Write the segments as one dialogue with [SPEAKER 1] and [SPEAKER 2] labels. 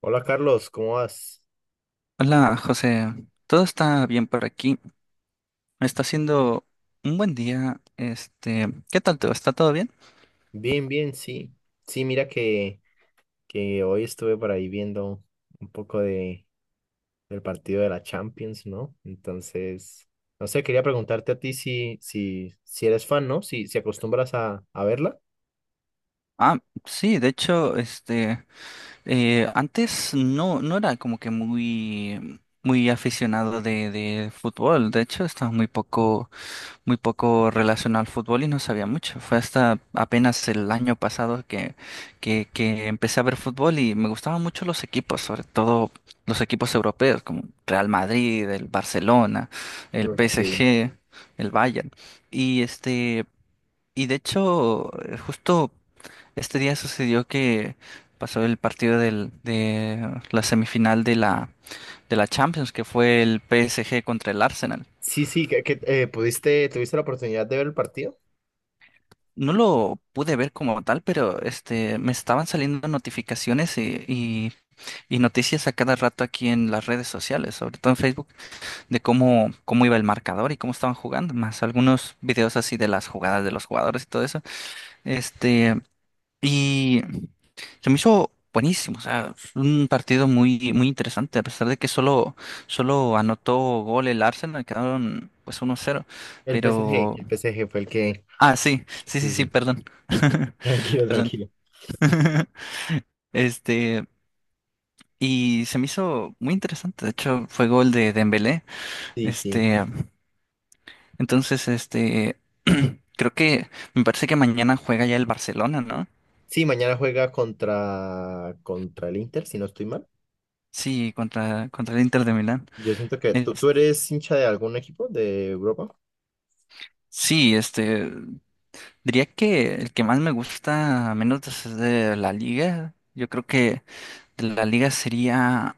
[SPEAKER 1] Hola, Carlos, ¿cómo vas?
[SPEAKER 2] Hola, José. Todo está bien por aquí. Está siendo un buen día. ¿Qué tal tú? ¿Está todo bien?
[SPEAKER 1] Bien, bien, sí. Sí, mira que hoy estuve por ahí viendo un poco del partido de la Champions, ¿no? Entonces, no sé, quería preguntarte a ti si eres fan, ¿no? Si acostumbras a verla.
[SPEAKER 2] Ah, sí, de hecho, antes no era como que muy aficionado de fútbol. De hecho, estaba muy poco muy poco relacionado al fútbol y no sabía mucho. Fue hasta apenas el año pasado que empecé a ver fútbol y me gustaban mucho los equipos, sobre todo los equipos europeos como Real Madrid, el Barcelona, el
[SPEAKER 1] Porque...
[SPEAKER 2] PSG, el Bayern. Y este, y de hecho, justo este día sucedió que pasó el partido de la semifinal de la Champions, que fue el PSG contra el Arsenal.
[SPEAKER 1] Sí, sí, pudiste, ¿tuviste la oportunidad de ver el partido?
[SPEAKER 2] No lo pude ver como tal, pero este, me estaban saliendo notificaciones y noticias a cada rato aquí en las redes sociales, sobre todo en Facebook, de cómo iba el marcador y cómo estaban jugando, más algunos videos así de las jugadas de los jugadores y todo eso. Este, y se me hizo buenísimo, o sea, un partido muy interesante, a pesar de que solo anotó gol el Arsenal, quedaron pues 1-0
[SPEAKER 1] El PSG,
[SPEAKER 2] pero...
[SPEAKER 1] el PSG fue el que.
[SPEAKER 2] Ah, sí,
[SPEAKER 1] Sí,
[SPEAKER 2] sí,
[SPEAKER 1] sí.
[SPEAKER 2] perdón.
[SPEAKER 1] Tranquilo,
[SPEAKER 2] Perdón.
[SPEAKER 1] tranquilo.
[SPEAKER 2] Este, y se me hizo muy interesante. De hecho, fue gol de Dembélé.
[SPEAKER 1] Sí, sí.
[SPEAKER 2] Este, entonces, creo que me parece que mañana juega ya el Barcelona, ¿no?
[SPEAKER 1] Sí, mañana juega contra el Inter, si no estoy mal.
[SPEAKER 2] Sí, contra el Inter de Milán.
[SPEAKER 1] Yo siento que tú,
[SPEAKER 2] Es-
[SPEAKER 1] tú eres hincha de algún equipo de Europa.
[SPEAKER 2] sí, este, diría que el que más me gusta, a menos es de la Liga. Yo creo que de la Liga sería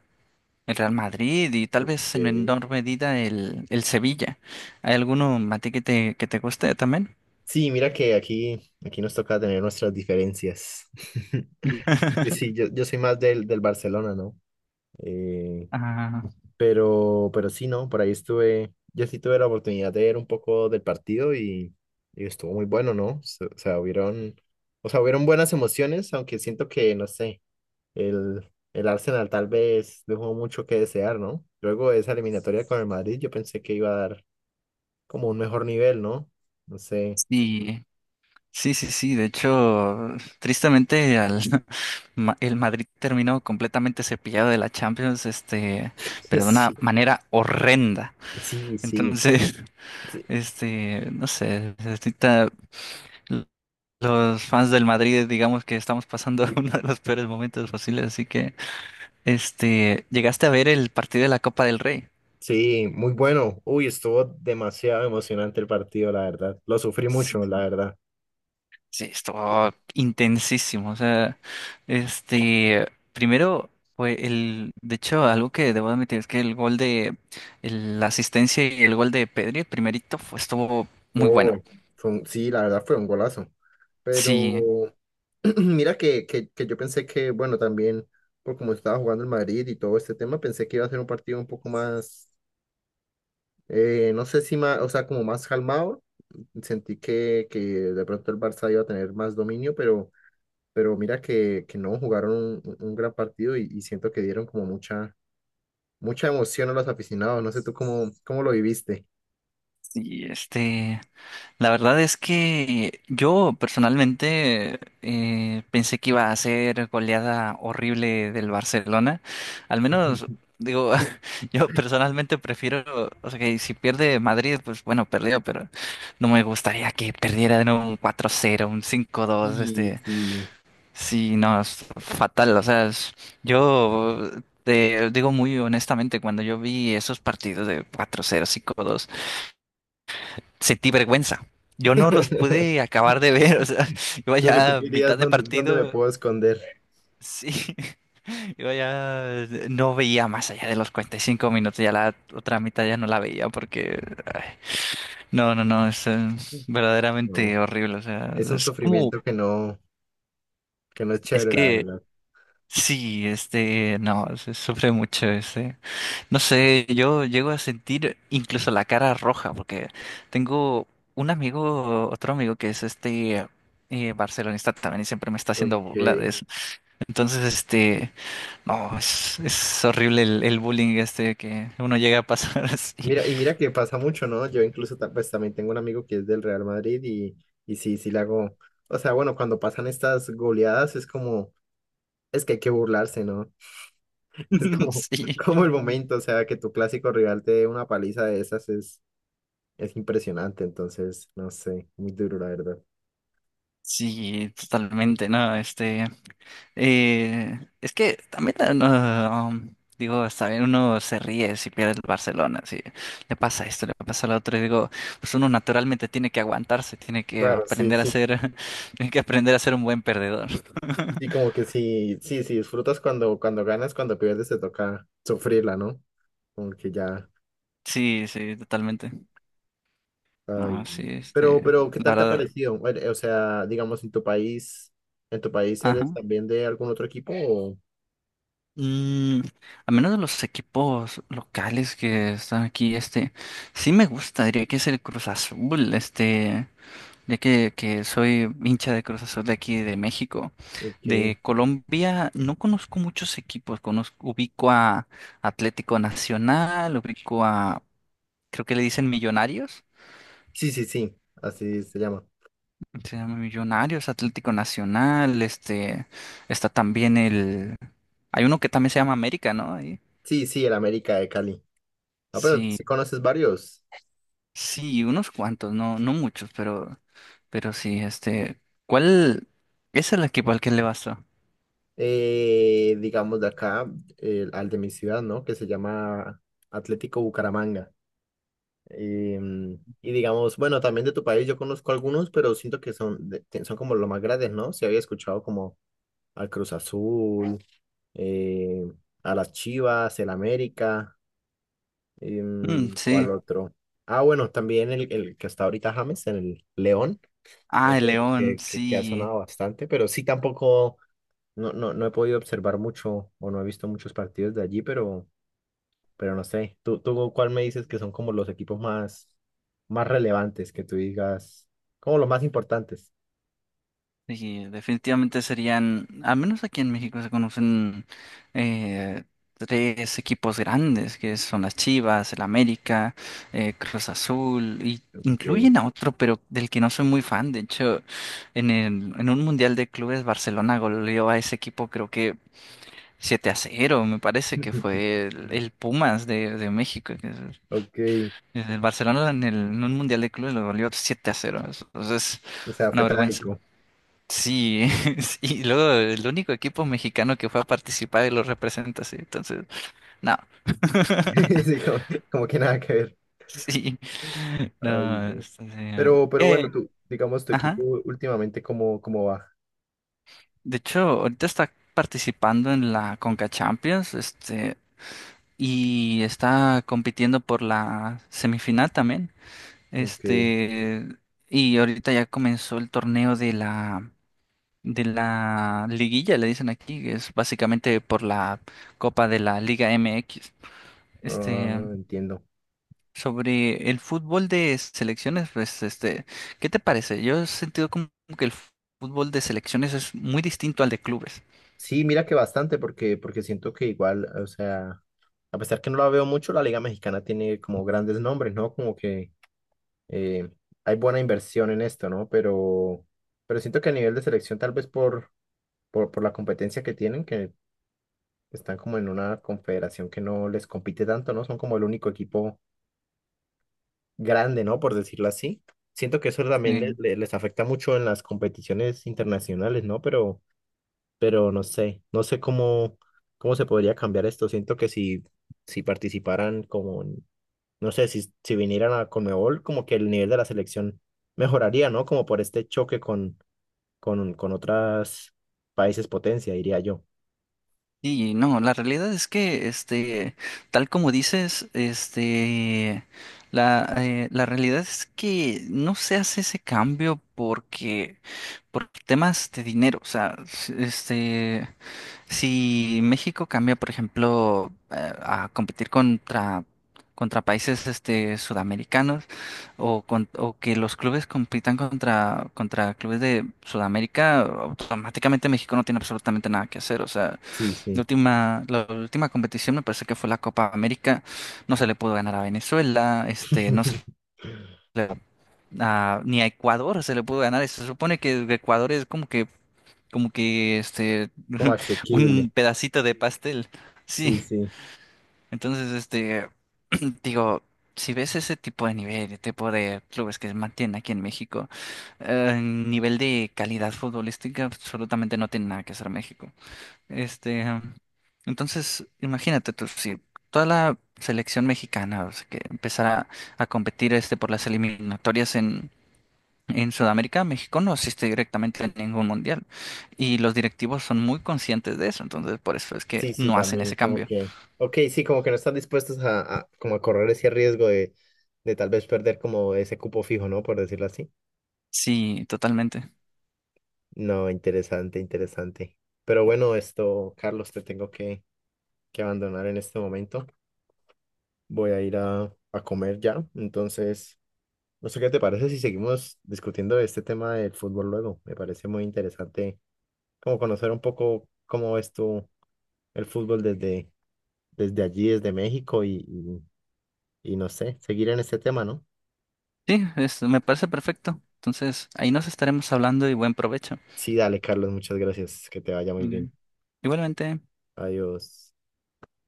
[SPEAKER 2] el Real Madrid y tal vez en
[SPEAKER 1] Ok.
[SPEAKER 2] menor medida el Sevilla. ¿Hay alguno, Mati, que te guste también?
[SPEAKER 1] Sí, mira que aquí nos toca tener nuestras diferencias. Sí, yo soy más del Barcelona, ¿no? Eh,
[SPEAKER 2] Ah,
[SPEAKER 1] Pero sí, no, por ahí estuve, yo sí tuve la oportunidad de ver un poco del partido y estuvo muy bueno, ¿no? O sea, hubieron buenas emociones, aunque siento que, no sé, el, el Arsenal tal vez dejó mucho que desear, ¿no? Luego de esa eliminatoria con el Madrid, yo pensé que iba a dar como un mejor nivel, ¿no? No sé.
[SPEAKER 2] sí, sí, sí. De hecho, tristemente al, el Madrid terminó completamente cepillado de la Champions, este, pero de una
[SPEAKER 1] Sí.
[SPEAKER 2] manera horrenda.
[SPEAKER 1] Sí, sí,
[SPEAKER 2] Entonces,
[SPEAKER 1] sí,
[SPEAKER 2] este, no sé, ahorita l- los fans del Madrid, digamos que estamos pasando uno de los peores momentos posibles. Así que, este, ¿llegaste a ver el partido de la Copa del Rey?
[SPEAKER 1] sí, muy bueno. Uy, estuvo demasiado emocionante el partido, la verdad. Lo sufrí mucho, la
[SPEAKER 2] Sí.
[SPEAKER 1] verdad.
[SPEAKER 2] Sí, estuvo intensísimo. O sea, este, primero fue de hecho, algo que debo admitir es que el gol de la asistencia y el gol de Pedri, el primerito, estuvo muy
[SPEAKER 1] Oh,
[SPEAKER 2] bueno.
[SPEAKER 1] sí, la verdad fue un golazo.
[SPEAKER 2] Sí,
[SPEAKER 1] Pero mira que yo pensé que, bueno, también por como estaba jugando el Madrid y todo este tema, pensé que iba a ser un partido un poco más, no sé si más, o sea, como más calmado. Sentí que de pronto el Barça iba a tener más dominio, pero mira que no, jugaron un, un gran partido y siento que dieron como mucha, mucha emoción a los aficionados. No sé tú cómo, cómo lo viviste.
[SPEAKER 2] sí, este. La verdad es que yo personalmente pensé que iba a ser goleada horrible del Barcelona. Al menos, digo, yo personalmente o sea, que si pierde Madrid, pues bueno, perdió, pero no me gustaría que perdiera de nuevo un 4-0, un 5-2,
[SPEAKER 1] Y sí.
[SPEAKER 2] sí, no, es fatal. O sea, yo te digo muy honestamente, cuando yo vi esos partidos de 4-0, 5-2 sentí vergüenza. Yo no los pude acabar de ver, o sea, iba
[SPEAKER 1] Lo que tú
[SPEAKER 2] ya a
[SPEAKER 1] querías
[SPEAKER 2] mitad de
[SPEAKER 1] dónde, dónde me
[SPEAKER 2] partido,
[SPEAKER 1] puedo esconder.
[SPEAKER 2] sí, iba ya, no veía más allá de los 45 minutos, ya la otra mitad ya no la veía porque, ay, no, es
[SPEAKER 1] No,
[SPEAKER 2] verdaderamente horrible, o sea,
[SPEAKER 1] es un
[SPEAKER 2] es como,
[SPEAKER 1] sufrimiento que no es
[SPEAKER 2] es
[SPEAKER 1] chévere, la
[SPEAKER 2] que,
[SPEAKER 1] verdad.
[SPEAKER 2] sí, este, no, se sufre mucho, este. No sé, yo llego a sentir incluso la cara roja, porque tengo un amigo, otro amigo que es barcelonista también y siempre me está haciendo
[SPEAKER 1] Ok.
[SPEAKER 2] burla de eso. Entonces, este, no, es horrible el bullying este que uno llega a pasar así.
[SPEAKER 1] Mira, y mira que pasa mucho, ¿no? Yo incluso pues también tengo un amigo que es del Real Madrid y sí, sí le hago. O sea, bueno, cuando pasan estas goleadas es como, es que hay que burlarse, ¿no? Es como,
[SPEAKER 2] Sí.
[SPEAKER 1] como el momento, o sea, que tu clásico rival te dé una paliza de esas es impresionante, entonces, no sé, muy duro, la verdad.
[SPEAKER 2] Sí, totalmente, ¿no? Es que también, no, um, digo, está bien, uno se ríe si pierde el Barcelona, si le pasa esto, le pasa lo otro, y digo, pues uno naturalmente tiene que aguantarse, tiene que
[SPEAKER 1] Claro, sí,
[SPEAKER 2] aprender a
[SPEAKER 1] sí.
[SPEAKER 2] ser, tiene que aprender a ser un buen perdedor.
[SPEAKER 1] Y como que sí, sí, sí, disfrutas cuando, cuando ganas, cuando pierdes te toca sufrirla, ¿no? Como que ya,
[SPEAKER 2] Sí, sí, totalmente.
[SPEAKER 1] ay,
[SPEAKER 2] No, sí,
[SPEAKER 1] no. Pero, ¿qué
[SPEAKER 2] la
[SPEAKER 1] tal te ha
[SPEAKER 2] verdad,
[SPEAKER 1] parecido? Bueno, o sea, digamos, ¿en tu país eres
[SPEAKER 2] ajá.
[SPEAKER 1] también de algún otro equipo o?
[SPEAKER 2] Mm, a menos de los equipos locales que están aquí, este, sí me gusta, diría que es el Cruz Azul, este. Ya que soy hincha de Cruz Azul de aquí de México.
[SPEAKER 1] Okay.
[SPEAKER 2] De Colombia no conozco muchos equipos, conozco, ubico a Atlético Nacional, creo que le dicen Millonarios,
[SPEAKER 1] Sí, sí, sí, así se llama.
[SPEAKER 2] se llama Millonarios, Atlético Nacional, este, está también hay uno que también se llama América, ¿no? Ahí.
[SPEAKER 1] Sí, sí, el América de Cali. Ah, pero
[SPEAKER 2] Sí,
[SPEAKER 1] sí conoces varios.
[SPEAKER 2] sí, unos cuantos, no muchos, pero sí, este, ¿cuál es el equipo al que le vas tú?
[SPEAKER 1] Digamos de acá, al de mi ciudad, ¿no? Que se llama Atlético Bucaramanga. Y, mm, y digamos, bueno, también de tu país yo conozco algunos, pero siento que son, son como los más grandes, ¿no? Si había escuchado como al Cruz Azul, eh, a las Chivas, el América, y,
[SPEAKER 2] Mm,
[SPEAKER 1] mm,
[SPEAKER 2] sí.
[SPEAKER 1] ¿cuál otro? Ah, bueno, también el que está ahorita James, el León,
[SPEAKER 2] Ah,
[SPEAKER 1] es
[SPEAKER 2] el
[SPEAKER 1] el otro
[SPEAKER 2] León,
[SPEAKER 1] que ha
[SPEAKER 2] sí.
[SPEAKER 1] sonado bastante, pero sí tampoco, no, no, no he podido observar mucho o no he visto muchos partidos de allí, pero no sé. ¿Tú cuál me dices que son como los equipos más, más relevantes que tú digas, como los más importantes?
[SPEAKER 2] Sí, definitivamente serían, al menos aquí en México se conocen eh, tres equipos grandes, que son las Chivas, el América, Cruz Azul, y
[SPEAKER 1] Ok.
[SPEAKER 2] incluyen a otro, pero del que no soy muy fan. De hecho, en un Mundial de Clubes, Barcelona goleó a ese equipo, creo que 7-0, me parece que fue el Pumas de México.
[SPEAKER 1] Ok,
[SPEAKER 2] El Barcelona en un Mundial de Clubes lo goleó 7-0. Entonces,
[SPEAKER 1] o sea,
[SPEAKER 2] una
[SPEAKER 1] fue
[SPEAKER 2] vergüenza.
[SPEAKER 1] trágico.
[SPEAKER 2] Sí, y luego el único equipo mexicano que fue a participar y lo representa, sí. Entonces, no.
[SPEAKER 1] Sí, como, como que nada que ver.
[SPEAKER 2] Sí,
[SPEAKER 1] Ay,
[SPEAKER 2] no.
[SPEAKER 1] no. Pero bueno, tú, digamos, tu
[SPEAKER 2] Ajá.
[SPEAKER 1] equipo últimamente, ¿cómo, cómo va?
[SPEAKER 2] De hecho, ahorita está participando en la Conca Champions, este, y está compitiendo por la semifinal también.
[SPEAKER 1] Ok,
[SPEAKER 2] Este, y ahorita ya comenzó el torneo de la liguilla, le dicen aquí, que es básicamente por la Copa de la Liga MX. Este,
[SPEAKER 1] ah, entiendo.
[SPEAKER 2] sobre el fútbol de selecciones, pues, este, ¿qué te parece? Yo he sentido como que el fútbol de selecciones es muy distinto al de clubes.
[SPEAKER 1] Sí, mira que bastante, porque, porque siento que igual, o sea, a pesar que no la veo mucho, la Liga Mexicana tiene como grandes nombres, ¿no? Como que eh, hay buena inversión en esto, ¿no? Pero siento que a nivel de selección, tal vez por la competencia que tienen, que están como en una confederación que no les compite tanto, ¿no? Son como el único equipo grande, ¿no? Por decirlo así. Siento que eso también
[SPEAKER 2] Sí.
[SPEAKER 1] les afecta mucho en las competiciones internacionales, ¿no? Pero no sé, no sé cómo, cómo se podría cambiar esto. Siento que si, si participaran como no sé si, si vinieran a Conmebol, como que el nivel de la selección mejoraría, ¿no? Como por este choque con otras países potencia, diría yo.
[SPEAKER 2] Y no, la realidad es que, este, tal como dices, este, la realidad es que no se hace ese cambio porque, por temas de dinero, o sea, este, si México cambia, por ejemplo, a competir contra países, este, sudamericanos, o, o que los clubes compitan contra clubes de Sudamérica, automáticamente México no tiene absolutamente nada que hacer, o sea,
[SPEAKER 1] Sí, sí.
[SPEAKER 2] la última competición me parece que fue la Copa América. No se le pudo ganar a Venezuela, este, le- ni a Ecuador se le pudo ganar. Se supone que Ecuador es como que este,
[SPEAKER 1] Como asequible.
[SPEAKER 2] un pedacito de pastel. Sí.
[SPEAKER 1] Sí, sí.
[SPEAKER 2] Entonces, este, digo, si ves ese tipo de nivel, el tipo de clubes que se mantienen aquí en México, nivel de calidad futbolística absolutamente no tiene nada que hacer México. Este, um, entonces, imagínate tú, si toda la selección mexicana, o sea, que empezara a competir este por las eliminatorias en Sudamérica, México no asiste directamente a ningún mundial. Y los directivos son muy conscientes de eso, entonces por eso es que
[SPEAKER 1] Sí, sí,
[SPEAKER 2] no hacen
[SPEAKER 1] también,
[SPEAKER 2] ese
[SPEAKER 1] como
[SPEAKER 2] cambio.
[SPEAKER 1] que. Ok, sí, como que no están dispuestos como a correr ese riesgo de tal vez perder como ese cupo fijo, ¿no? Por decirlo así.
[SPEAKER 2] Sí, totalmente.
[SPEAKER 1] No, interesante, interesante. Pero bueno, esto, Carlos, te tengo que abandonar en este momento. Voy a ir a comer ya. Entonces, no sé qué te parece si seguimos discutiendo este tema del fútbol luego. Me parece muy interesante como conocer un poco cómo ves tú el fútbol desde, desde allí, desde México y no sé, seguir en este tema, ¿no?
[SPEAKER 2] Sí, me parece perfecto. Entonces, ahí nos estaremos hablando y buen provecho.
[SPEAKER 1] Sí, dale, Carlos, muchas gracias. Que te vaya muy
[SPEAKER 2] Vale.
[SPEAKER 1] bien.
[SPEAKER 2] Igualmente.
[SPEAKER 1] Adiós.